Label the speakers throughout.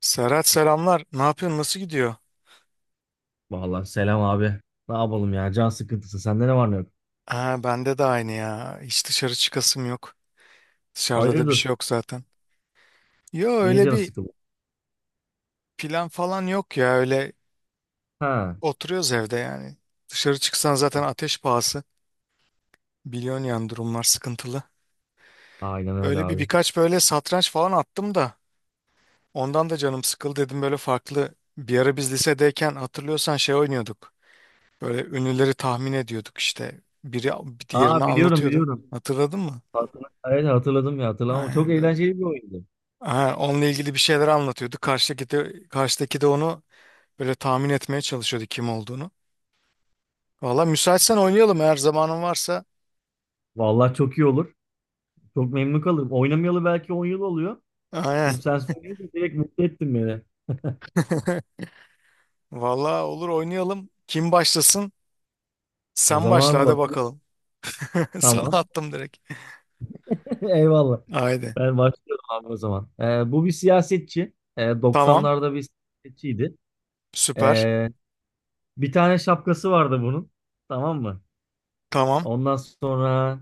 Speaker 1: Serhat selamlar. Ne yapıyorsun? Nasıl gidiyor?
Speaker 2: Vallahi selam abi. Ne yapalım ya? Can sıkıntısı. Sende ne var ne yok?
Speaker 1: Ha, bende de aynı ya. Hiç dışarı çıkasım yok. Dışarıda da bir şey
Speaker 2: Hayırdır?
Speaker 1: yok zaten. Yo,
Speaker 2: Niye
Speaker 1: öyle
Speaker 2: canı
Speaker 1: bir
Speaker 2: sıkıldı?
Speaker 1: plan falan yok ya. Öyle
Speaker 2: Ha.
Speaker 1: oturuyoruz evde yani. Dışarı çıksan zaten ateş pahası. Biliyorsun yani durumlar sıkıntılı.
Speaker 2: Aynen öyle
Speaker 1: Öyle bir
Speaker 2: abi.
Speaker 1: birkaç böyle satranç falan attım da. Ondan da canım sıkıldı dedim böyle farklı. Bir ara biz lisedeyken hatırlıyorsan şey oynuyorduk. Böyle ünlüleri tahmin ediyorduk işte. Biri diğerini
Speaker 2: Aa biliyorum
Speaker 1: anlatıyordu.
Speaker 2: biliyorum.
Speaker 1: Hatırladın mı?
Speaker 2: Evet hatırladım ya hatırlamam. Çok
Speaker 1: Aynen böyle.
Speaker 2: eğlenceli bir oyundu.
Speaker 1: Ha, onunla ilgili bir şeyler anlatıyordu. Karşıdaki de onu böyle tahmin etmeye çalışıyordu kim olduğunu. Valla müsaitsen oynayalım, eğer zamanın varsa.
Speaker 2: Vallahi çok iyi olur. Çok memnun kalırım. Oynamayalı belki 10 yıl oluyor. Şimdi
Speaker 1: Aynen.
Speaker 2: sen söyleyince direkt mutlu ettin beni.
Speaker 1: Valla olur, oynayalım. Kim başlasın?
Speaker 2: O
Speaker 1: Sen başla
Speaker 2: zaman
Speaker 1: hadi
Speaker 2: bakayım.
Speaker 1: bakalım. Sana
Speaker 2: Tamam.
Speaker 1: attım direkt.
Speaker 2: Eyvallah.
Speaker 1: Haydi.
Speaker 2: Ben başlıyorum abi o zaman. Bu bir siyasetçi.
Speaker 1: Tamam.
Speaker 2: 90'larda bir siyasetçiydi.
Speaker 1: Süper.
Speaker 2: Ee, bir tane şapkası vardı bunun. Tamam mı?
Speaker 1: Tamam.
Speaker 2: Ondan sonra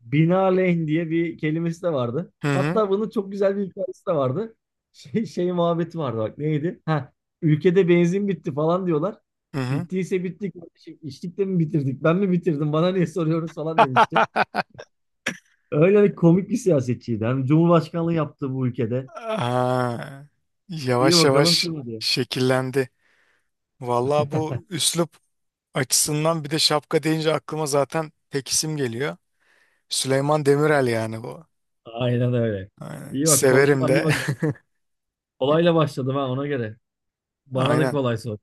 Speaker 2: binaenaleyh diye bir kelimesi de vardı.
Speaker 1: Hı hı.
Speaker 2: Hatta bunun çok güzel bir hikayesi de vardı. Şey muhabbeti vardı, bak neydi? Ha, ülkede benzin bitti falan diyorlar.
Speaker 1: Hı hı.
Speaker 2: Bittiyse bitti kardeşim. İçtik de mi bitirdik? Ben mi bitirdim? Bana niye soruyorsunuz falan demişti. Öyle bir komik bir siyasetçiydi. Hem Cumhurbaşkanlığı yaptı bu ülkede.
Speaker 1: Ha,
Speaker 2: İyi
Speaker 1: yavaş
Speaker 2: bakalım
Speaker 1: yavaş
Speaker 2: kim diye.
Speaker 1: şekillendi. Valla bu üslup açısından, bir de şapka deyince, aklıma zaten tek isim geliyor. Süleyman Demirel yani bu.
Speaker 2: Aynen öyle.
Speaker 1: Aynen.
Speaker 2: İyi bak.
Speaker 1: Severim
Speaker 2: Hadi
Speaker 1: de.
Speaker 2: bak. Kolayla başladım ha, ona göre. Bana da
Speaker 1: Aynen.
Speaker 2: kolay sor.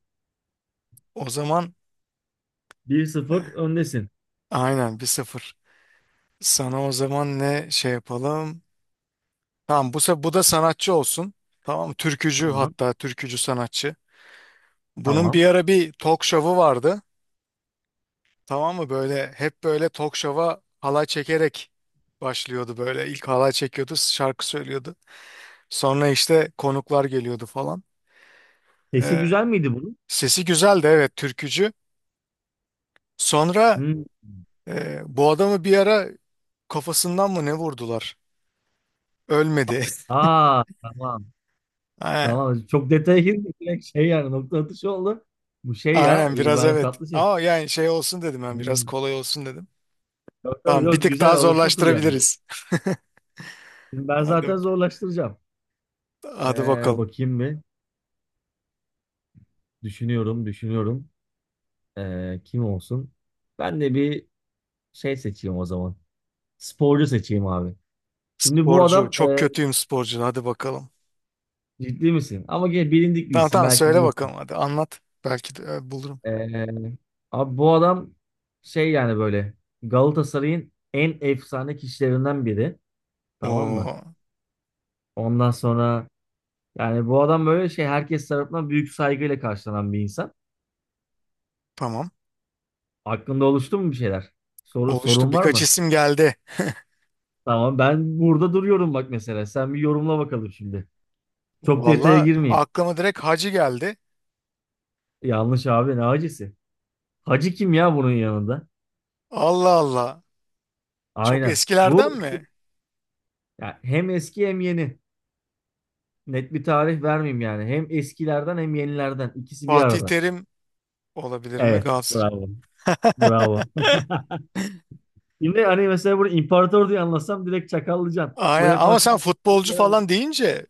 Speaker 1: O zaman
Speaker 2: 1-0,
Speaker 1: eh,
Speaker 2: öndesin.
Speaker 1: aynen 1-0. Sana o zaman ne şey yapalım? Tamam, bu, bu da sanatçı olsun. Tamam, türkücü,
Speaker 2: Tamam.
Speaker 1: hatta türkücü sanatçı. Bunun bir
Speaker 2: Tamam.
Speaker 1: ara bir talk show'u vardı. Tamam mı? Böyle hep böyle talk show'a halay çekerek başlıyordu böyle. İlk halay çekiyordu, şarkı söylüyordu. Sonra işte konuklar geliyordu falan.
Speaker 2: Sesi
Speaker 1: Eh,
Speaker 2: güzel miydi bunun?
Speaker 1: Sesi güzeldi, evet, türkücü. Sonra
Speaker 2: Hmm.
Speaker 1: Bu adamı bir ara kafasından mı ne vurdular? Ölmedi.
Speaker 2: Aa, tamam.
Speaker 1: Aynen.
Speaker 2: Tamam. Çok detaya girdik. Direkt şey yani nokta atışı oldu. Bu şey ya,
Speaker 1: Aynen biraz,
Speaker 2: İbrahim
Speaker 1: evet.
Speaker 2: Tatlıses.
Speaker 1: Ama yani şey olsun dedim, ben biraz
Speaker 2: Hmm.
Speaker 1: kolay olsun dedim.
Speaker 2: Yok, tabii,
Speaker 1: Tamam, bir
Speaker 2: yok,
Speaker 1: tık
Speaker 2: güzel
Speaker 1: daha
Speaker 2: alışma turu yani bu.
Speaker 1: zorlaştırabiliriz.
Speaker 2: Şimdi ben
Speaker 1: Hadi,
Speaker 2: zaten zorlaştıracağım.
Speaker 1: hadi bakalım.
Speaker 2: Bakayım bir. Düşünüyorum, düşünüyorum. Kim olsun? Ben de bir şey seçeyim o zaman. Sporcu seçeyim abi. Şimdi bu
Speaker 1: Sporcu.
Speaker 2: adam
Speaker 1: Çok kötüyüm sporcu. Hadi bakalım.
Speaker 2: ciddi misin? Ama gene bilindik bir
Speaker 1: Tamam
Speaker 2: isim.
Speaker 1: tamam,
Speaker 2: Belki
Speaker 1: söyle
Speaker 2: bulur.
Speaker 1: bakalım, hadi anlat. Belki de bulurum.
Speaker 2: Ee, abi bu adam şey yani böyle Galatasaray'ın en efsane kişilerinden biri. Tamam mı?
Speaker 1: Oo,
Speaker 2: Ondan sonra yani bu adam böyle şey herkes tarafından büyük saygıyla karşılanan bir insan.
Speaker 1: tamam.
Speaker 2: Aklında oluştu mu bir şeyler? Soru,
Speaker 1: Oluştu.
Speaker 2: sorun var
Speaker 1: Birkaç
Speaker 2: mı?
Speaker 1: isim geldi.
Speaker 2: Tamam, ben burada duruyorum bak mesela. Sen bir yorumla bakalım şimdi. Çok detaya
Speaker 1: Valla
Speaker 2: girmeyeyim.
Speaker 1: aklıma direkt Hacı geldi.
Speaker 2: Yanlış abi, ne hacısı? Hacı kim ya bunun yanında?
Speaker 1: Allah Allah. Çok
Speaker 2: Aynen.
Speaker 1: eskilerden
Speaker 2: Bu
Speaker 1: mi?
Speaker 2: ya, hem eski hem yeni. Net bir tarih vermeyeyim yani. Hem eskilerden hem yenilerden. İkisi bir
Speaker 1: Fatih
Speaker 2: arada.
Speaker 1: Terim. Olabilir mi
Speaker 2: Evet,
Speaker 1: Galatasaray?
Speaker 2: bravo. Bravo. Şimdi hani mesela burada imparator diye anlatsam direkt çakallıcan.
Speaker 1: Aynen, ama
Speaker 2: UEFA
Speaker 1: sen
Speaker 2: Kupası'nda
Speaker 1: futbolcu
Speaker 2: yer aldı.
Speaker 1: falan deyince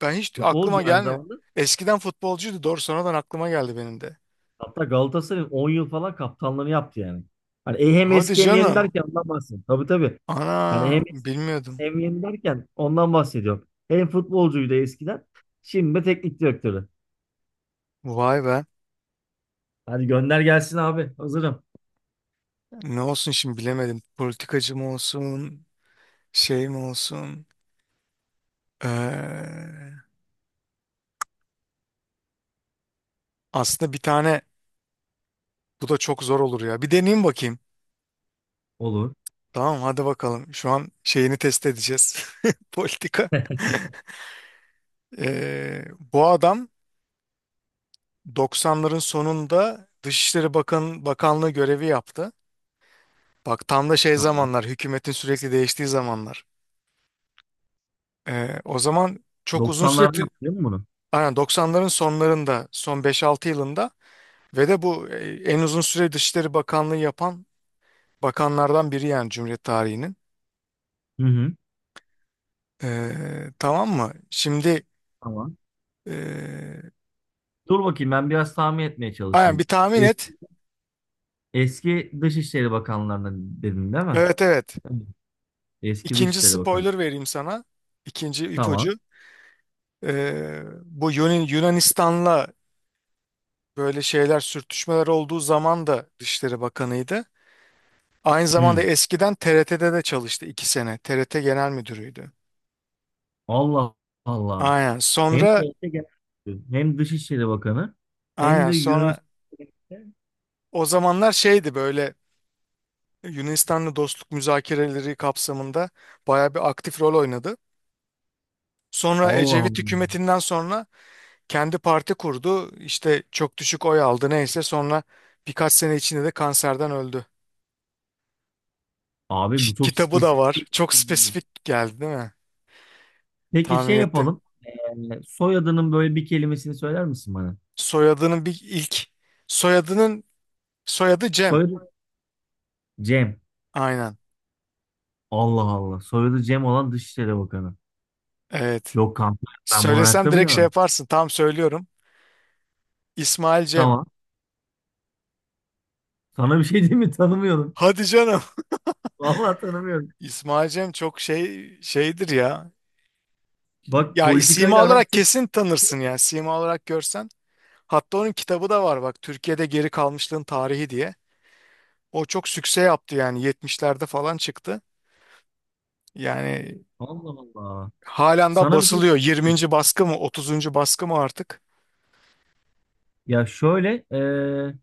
Speaker 1: ben hiç aklıma
Speaker 2: Futbolcu aynı
Speaker 1: gelmedi.
Speaker 2: zamanda.
Speaker 1: Eskiden futbolcuydu doğru, sonradan aklıma geldi benim de.
Speaker 2: Hatta Galatasaray'ın 10 yıl falan kaptanlığını yaptı yani. Hani hem
Speaker 1: Hadi
Speaker 2: eski hem yeni
Speaker 1: canım.
Speaker 2: derken ondan bahsediyorum. Tabii tabii. Hani hem
Speaker 1: Ana
Speaker 2: eski
Speaker 1: bilmiyordum.
Speaker 2: hem yeni derken ondan bahsediyorum. Hem futbolcuydu eskiden. Şimdi de teknik direktörü.
Speaker 1: Vay be.
Speaker 2: Hadi gönder gelsin abi. Hazırım.
Speaker 1: Ne olsun şimdi bilemedim. Politikacı mı olsun? Şey mi olsun? Ee, Aslında bir tane, bu da çok zor olur ya. Bir deneyeyim bakayım.
Speaker 2: Olur.
Speaker 1: Tamam hadi bakalım. Şu an şeyini test edeceğiz. Politika. Ee, Bu adam 90'ların sonunda Dışişleri Bakanlığı görevi yaptı. Bak tam da şey
Speaker 2: Tamam.
Speaker 1: zamanlar, hükümetin sürekli değiştiği zamanlar. O zaman çok uzun süre,
Speaker 2: 90'larda yaptı değil mi bunu?
Speaker 1: aynen 90'ların sonlarında, son 5-6 yılında, ve de bu en uzun süre Dışişleri Bakanlığı yapan bakanlardan biri yani Cumhuriyet tarihinin.
Speaker 2: Hı hı.
Speaker 1: Tamam mı? Şimdi
Speaker 2: Tamam.
Speaker 1: e,
Speaker 2: Dur bakayım, ben biraz tahmin etmeye
Speaker 1: aynen bir
Speaker 2: çalışayım.
Speaker 1: tahmin
Speaker 2: E-
Speaker 1: et.
Speaker 2: Eski Dışişleri Bakanlarından dedin değil mi?
Speaker 1: Evet evet.
Speaker 2: Evet. Eski
Speaker 1: İkinci
Speaker 2: Dışişleri Bakanı.
Speaker 1: spoiler vereyim sana. İkinci
Speaker 2: Tamam.
Speaker 1: ipucu. Bu Yunanistan'la böyle şeyler, sürtüşmeler olduğu zaman da Dışişleri Bakanıydı. Aynı zamanda
Speaker 2: Hmm.
Speaker 1: eskiden TRT'de de çalıştı 2 sene. TRT Genel Müdürüydü.
Speaker 2: Allah Allah.
Speaker 1: Aynen.
Speaker 2: Hem
Speaker 1: Sonra,
Speaker 2: TRT Genel Müdürü, hem Dışişleri Bakanı, hem
Speaker 1: aynen,
Speaker 2: de
Speaker 1: sonra
Speaker 2: Yunanistan'da.
Speaker 1: o zamanlar şeydi böyle, Yunanistan'la dostluk müzakereleri kapsamında bayağı bir aktif rol oynadı. Sonra
Speaker 2: Allah
Speaker 1: Ecevit
Speaker 2: Allah.
Speaker 1: hükümetinden sonra kendi parti kurdu. İşte çok düşük oy aldı, neyse sonra birkaç sene içinde de kanserden öldü.
Speaker 2: Abi bu çok
Speaker 1: Kitabı da var.
Speaker 2: spesifik.
Speaker 1: Çok spesifik geldi değil mi?
Speaker 2: Peki
Speaker 1: Tahmin
Speaker 2: şey
Speaker 1: ettim.
Speaker 2: yapalım. Soyadının böyle bir kelimesini söyler misin bana?
Speaker 1: Soyadının bir ilk soyadının soyadı Cem.
Speaker 2: Soyadı Cem.
Speaker 1: Aynen.
Speaker 2: Allah Allah. Soyadı Cem olan Dışişleri Bakanı.
Speaker 1: Evet.
Speaker 2: Yok kanka, ben bunu
Speaker 1: Söylesem
Speaker 2: hayatta
Speaker 1: direkt şey
Speaker 2: bilemem.
Speaker 1: yaparsın. Tam söylüyorum. İsmail Cem.
Speaker 2: Tamam. Sana bir şey diyeyim mi? Tanımıyorum.
Speaker 1: Hadi canım.
Speaker 2: Vallahi tanımıyorum.
Speaker 1: İsmail Cem çok şeydir ya.
Speaker 2: Bak,
Speaker 1: Ya sima
Speaker 2: politikayla aram
Speaker 1: olarak
Speaker 2: çok...
Speaker 1: kesin tanırsın ya. Sima olarak görsen. Hatta onun kitabı da var bak. Türkiye'de Geri Kalmışlığın Tarihi diye. O çok sükse yaptı, yani 70'lerde falan çıktı. Yani
Speaker 2: Allah Allah.
Speaker 1: halen daha
Speaker 2: Sana bir şey
Speaker 1: basılıyor.
Speaker 2: söyleyeyim mi?
Speaker 1: 20. baskı mı, 30. baskı mı artık?
Speaker 2: Ya şöyle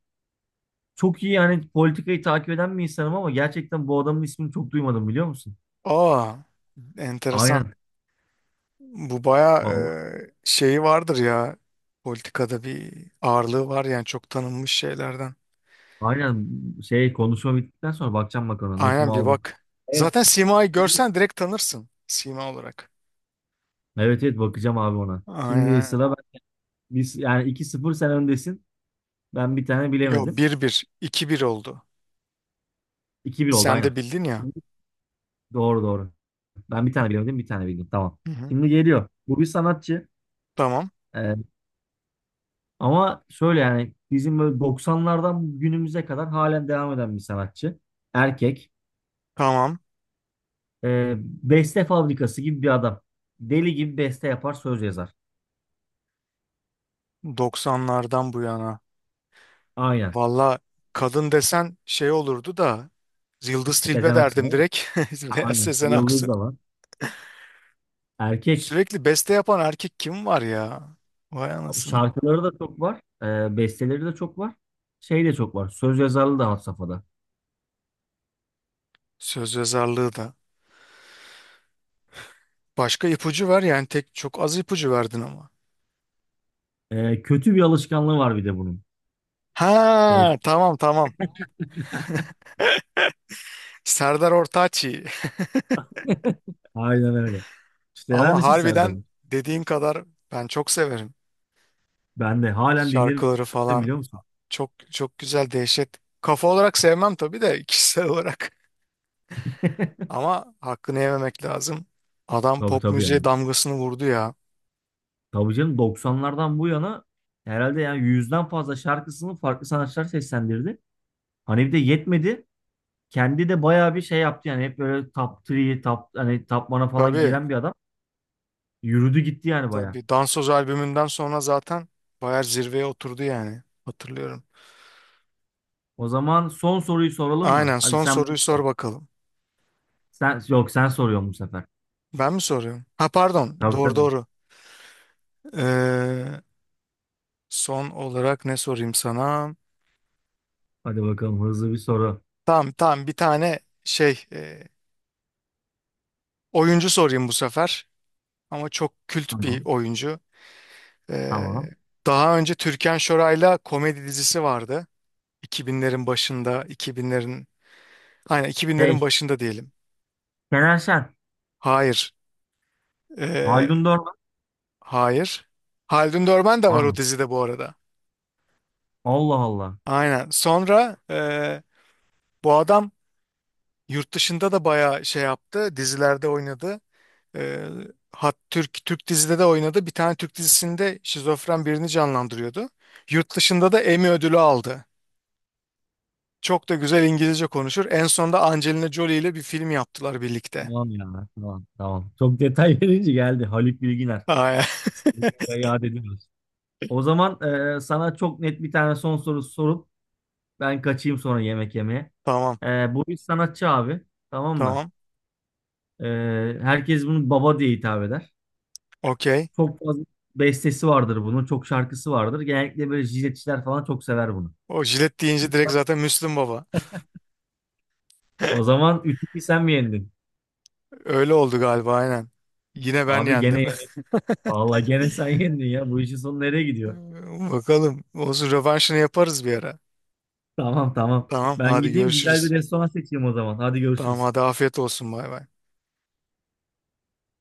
Speaker 2: çok iyi yani politikayı takip eden bir insanım ama gerçekten bu adamın ismini çok duymadım, biliyor musun?
Speaker 1: Aa, enteresan.
Speaker 2: Aynen.
Speaker 1: Bu bayağı
Speaker 2: Vallahi
Speaker 1: şeyi vardır ya. Politikada bir ağırlığı var yani, çok tanınmış şeylerden.
Speaker 2: aynen, şey, konuşma bittikten sonra bakacağım bak ona.
Speaker 1: Aynen,
Speaker 2: Notumu
Speaker 1: bir
Speaker 2: aldım.
Speaker 1: bak.
Speaker 2: Evet.
Speaker 1: Zaten Sima'yı görsen direkt tanırsın Sima olarak.
Speaker 2: Evet evet, bakacağım abi ona. Şimdi
Speaker 1: Aynen.
Speaker 2: sıra ben. Yani iki 0 sen öndesin. Ben bir tane
Speaker 1: Yo,
Speaker 2: bilemedim.
Speaker 1: bir bir 2-1 oldu.
Speaker 2: 2-1 oldu
Speaker 1: Sen
Speaker 2: aynen.
Speaker 1: de bildin ya.
Speaker 2: Doğru doğru. Ben bir tane bilemedim, bir tane bildim. Tamam.
Speaker 1: Hı hı.
Speaker 2: Şimdi geliyor. Bu bir sanatçı.
Speaker 1: Tamam.
Speaker 2: Ee, ama şöyle yani bizim böyle 90'lardan günümüze kadar halen devam eden bir sanatçı. Erkek.
Speaker 1: Tamam.
Speaker 2: Beste fabrikası gibi bir adam. Deli gibi beste yapar, söz yazar.
Speaker 1: 90'lardan bu yana.
Speaker 2: Aynen.
Speaker 1: Valla kadın desen şey olurdu da, Yıldız Tilbe
Speaker 2: Sezen Aksu
Speaker 1: derdim
Speaker 2: değil mi?
Speaker 1: direkt.
Speaker 2: Ha,
Speaker 1: Veya
Speaker 2: aynen.
Speaker 1: Sezen
Speaker 2: Yıldız
Speaker 1: Aksu.
Speaker 2: da var. Erkek.
Speaker 1: Sürekli beste yapan erkek kim var ya? Vay anasını.
Speaker 2: Şarkıları da çok var. Besteleri de çok var. Şey de çok var. Söz yazarlığı da had safhada.
Speaker 1: Söz yazarlığı da. Başka ipucu ver yani, tek çok az ipucu verdin ama.
Speaker 2: Kötü bir alışkanlığı var bir de bunun. Böyle
Speaker 1: Ha, tamam tamam. Serdar Ortaç'ı.
Speaker 2: aynen öyle. Hiç dener
Speaker 1: Ama
Speaker 2: misin Serdar'ı?
Speaker 1: harbiden dediğin kadar ben çok severim.
Speaker 2: Ben de halen dinlerim,
Speaker 1: Şarkıları falan
Speaker 2: biliyor musun?
Speaker 1: çok çok güzel, dehşet. Kafa olarak sevmem tabii de kişisel olarak. Ama hakkını yememek lazım. Adam
Speaker 2: Tabii
Speaker 1: pop
Speaker 2: tabii
Speaker 1: müziğe
Speaker 2: yani.
Speaker 1: damgasını vurdu ya.
Speaker 2: Tabii canım, 90'lardan bu yana herhalde yani 100'den fazla şarkısını farklı sanatçılar seslendirdi. Hani bir de yetmedi. Kendi de bayağı bir şey yaptı yani, hep böyle top 3, top, hani top 1'a falan
Speaker 1: Tabii
Speaker 2: giren bir adam. Yürüdü gitti yani bayağı.
Speaker 1: tabii, Dansoz albümünden sonra zaten bayağı zirveye oturdu yani. Hatırlıyorum.
Speaker 2: O zaman son soruyu soralım mı?
Speaker 1: Aynen,
Speaker 2: Hadi
Speaker 1: son
Speaker 2: sen
Speaker 1: soruyu
Speaker 2: bana sor.
Speaker 1: sor bakalım.
Speaker 2: Sen, yok sen soruyorsun bu sefer.
Speaker 1: Ben mi soruyorum? Ha pardon.
Speaker 2: Tabii
Speaker 1: Doğru
Speaker 2: tabii.
Speaker 1: doğru. Ee, Son olarak ne sorayım sana?
Speaker 2: Hadi bakalım, hızlı bir soru.
Speaker 1: Tamam tamam, bir tane şey oyuncu sorayım bu sefer. Ama çok kült bir
Speaker 2: Tamam.
Speaker 1: oyuncu. Ee,
Speaker 2: Tamam.
Speaker 1: Daha önce Türkan Şoray'la komedi dizisi vardı. 2000'lerin başında, 2000'lerin aynen 2000'lerin
Speaker 2: Şey,
Speaker 1: başında diyelim.
Speaker 2: Şener Şen.
Speaker 1: Hayır. Ee,
Speaker 2: Haldun Dorman
Speaker 1: hayır. Haldun Dörmen de
Speaker 2: var
Speaker 1: var o
Speaker 2: mı?
Speaker 1: dizide bu arada.
Speaker 2: Allah Allah.
Speaker 1: Aynen. Sonra bu adam yurt dışında da bayağı şey yaptı. Dizilerde oynadı. Ee, hat Türk Türk dizide de oynadı. Bir tane Türk dizisinde şizofren birini canlandırıyordu. Yurt dışında da Emmy ödülü aldı. Çok da güzel İngilizce konuşur. En sonunda Angelina Jolie ile bir film yaptılar birlikte.
Speaker 2: Tamam ya. Tamam tamam. Çok detay verince geldi. Haluk Bilginer.
Speaker 1: Aa,
Speaker 2: Saygıyla yad ediyoruz. O zaman sana çok net bir tane son soru sorup ben kaçayım sonra yemek yemeye.
Speaker 1: tamam,
Speaker 2: E, bu bir sanatçı abi. Tamam mı?
Speaker 1: tamam.
Speaker 2: E, herkes bunu baba diye hitap eder.
Speaker 1: Okey.
Speaker 2: Çok fazla bestesi vardır bunun. Çok şarkısı vardır. Genellikle böyle jiletçiler falan çok sever bunu.
Speaker 1: O jilet deyince direkt zaten Müslüm Baba.
Speaker 2: O zaman 3-2, sen mi yendin?
Speaker 1: Öyle oldu galiba aynen. Yine ben
Speaker 2: Abi gene
Speaker 1: yendim.
Speaker 2: yendin. Vallahi gene sen yendin ya. Bu işin sonu nereye gidiyor?
Speaker 1: Bakalım. Olsun, rövanşını yaparız bir ara.
Speaker 2: Tamam tamam.
Speaker 1: Tamam,
Speaker 2: Ben
Speaker 1: hadi
Speaker 2: gideyim, güzel bir
Speaker 1: görüşürüz.
Speaker 2: restoran seçeyim o zaman. Hadi
Speaker 1: Tamam
Speaker 2: görüşürüz.
Speaker 1: hadi, afiyet olsun, bay bay.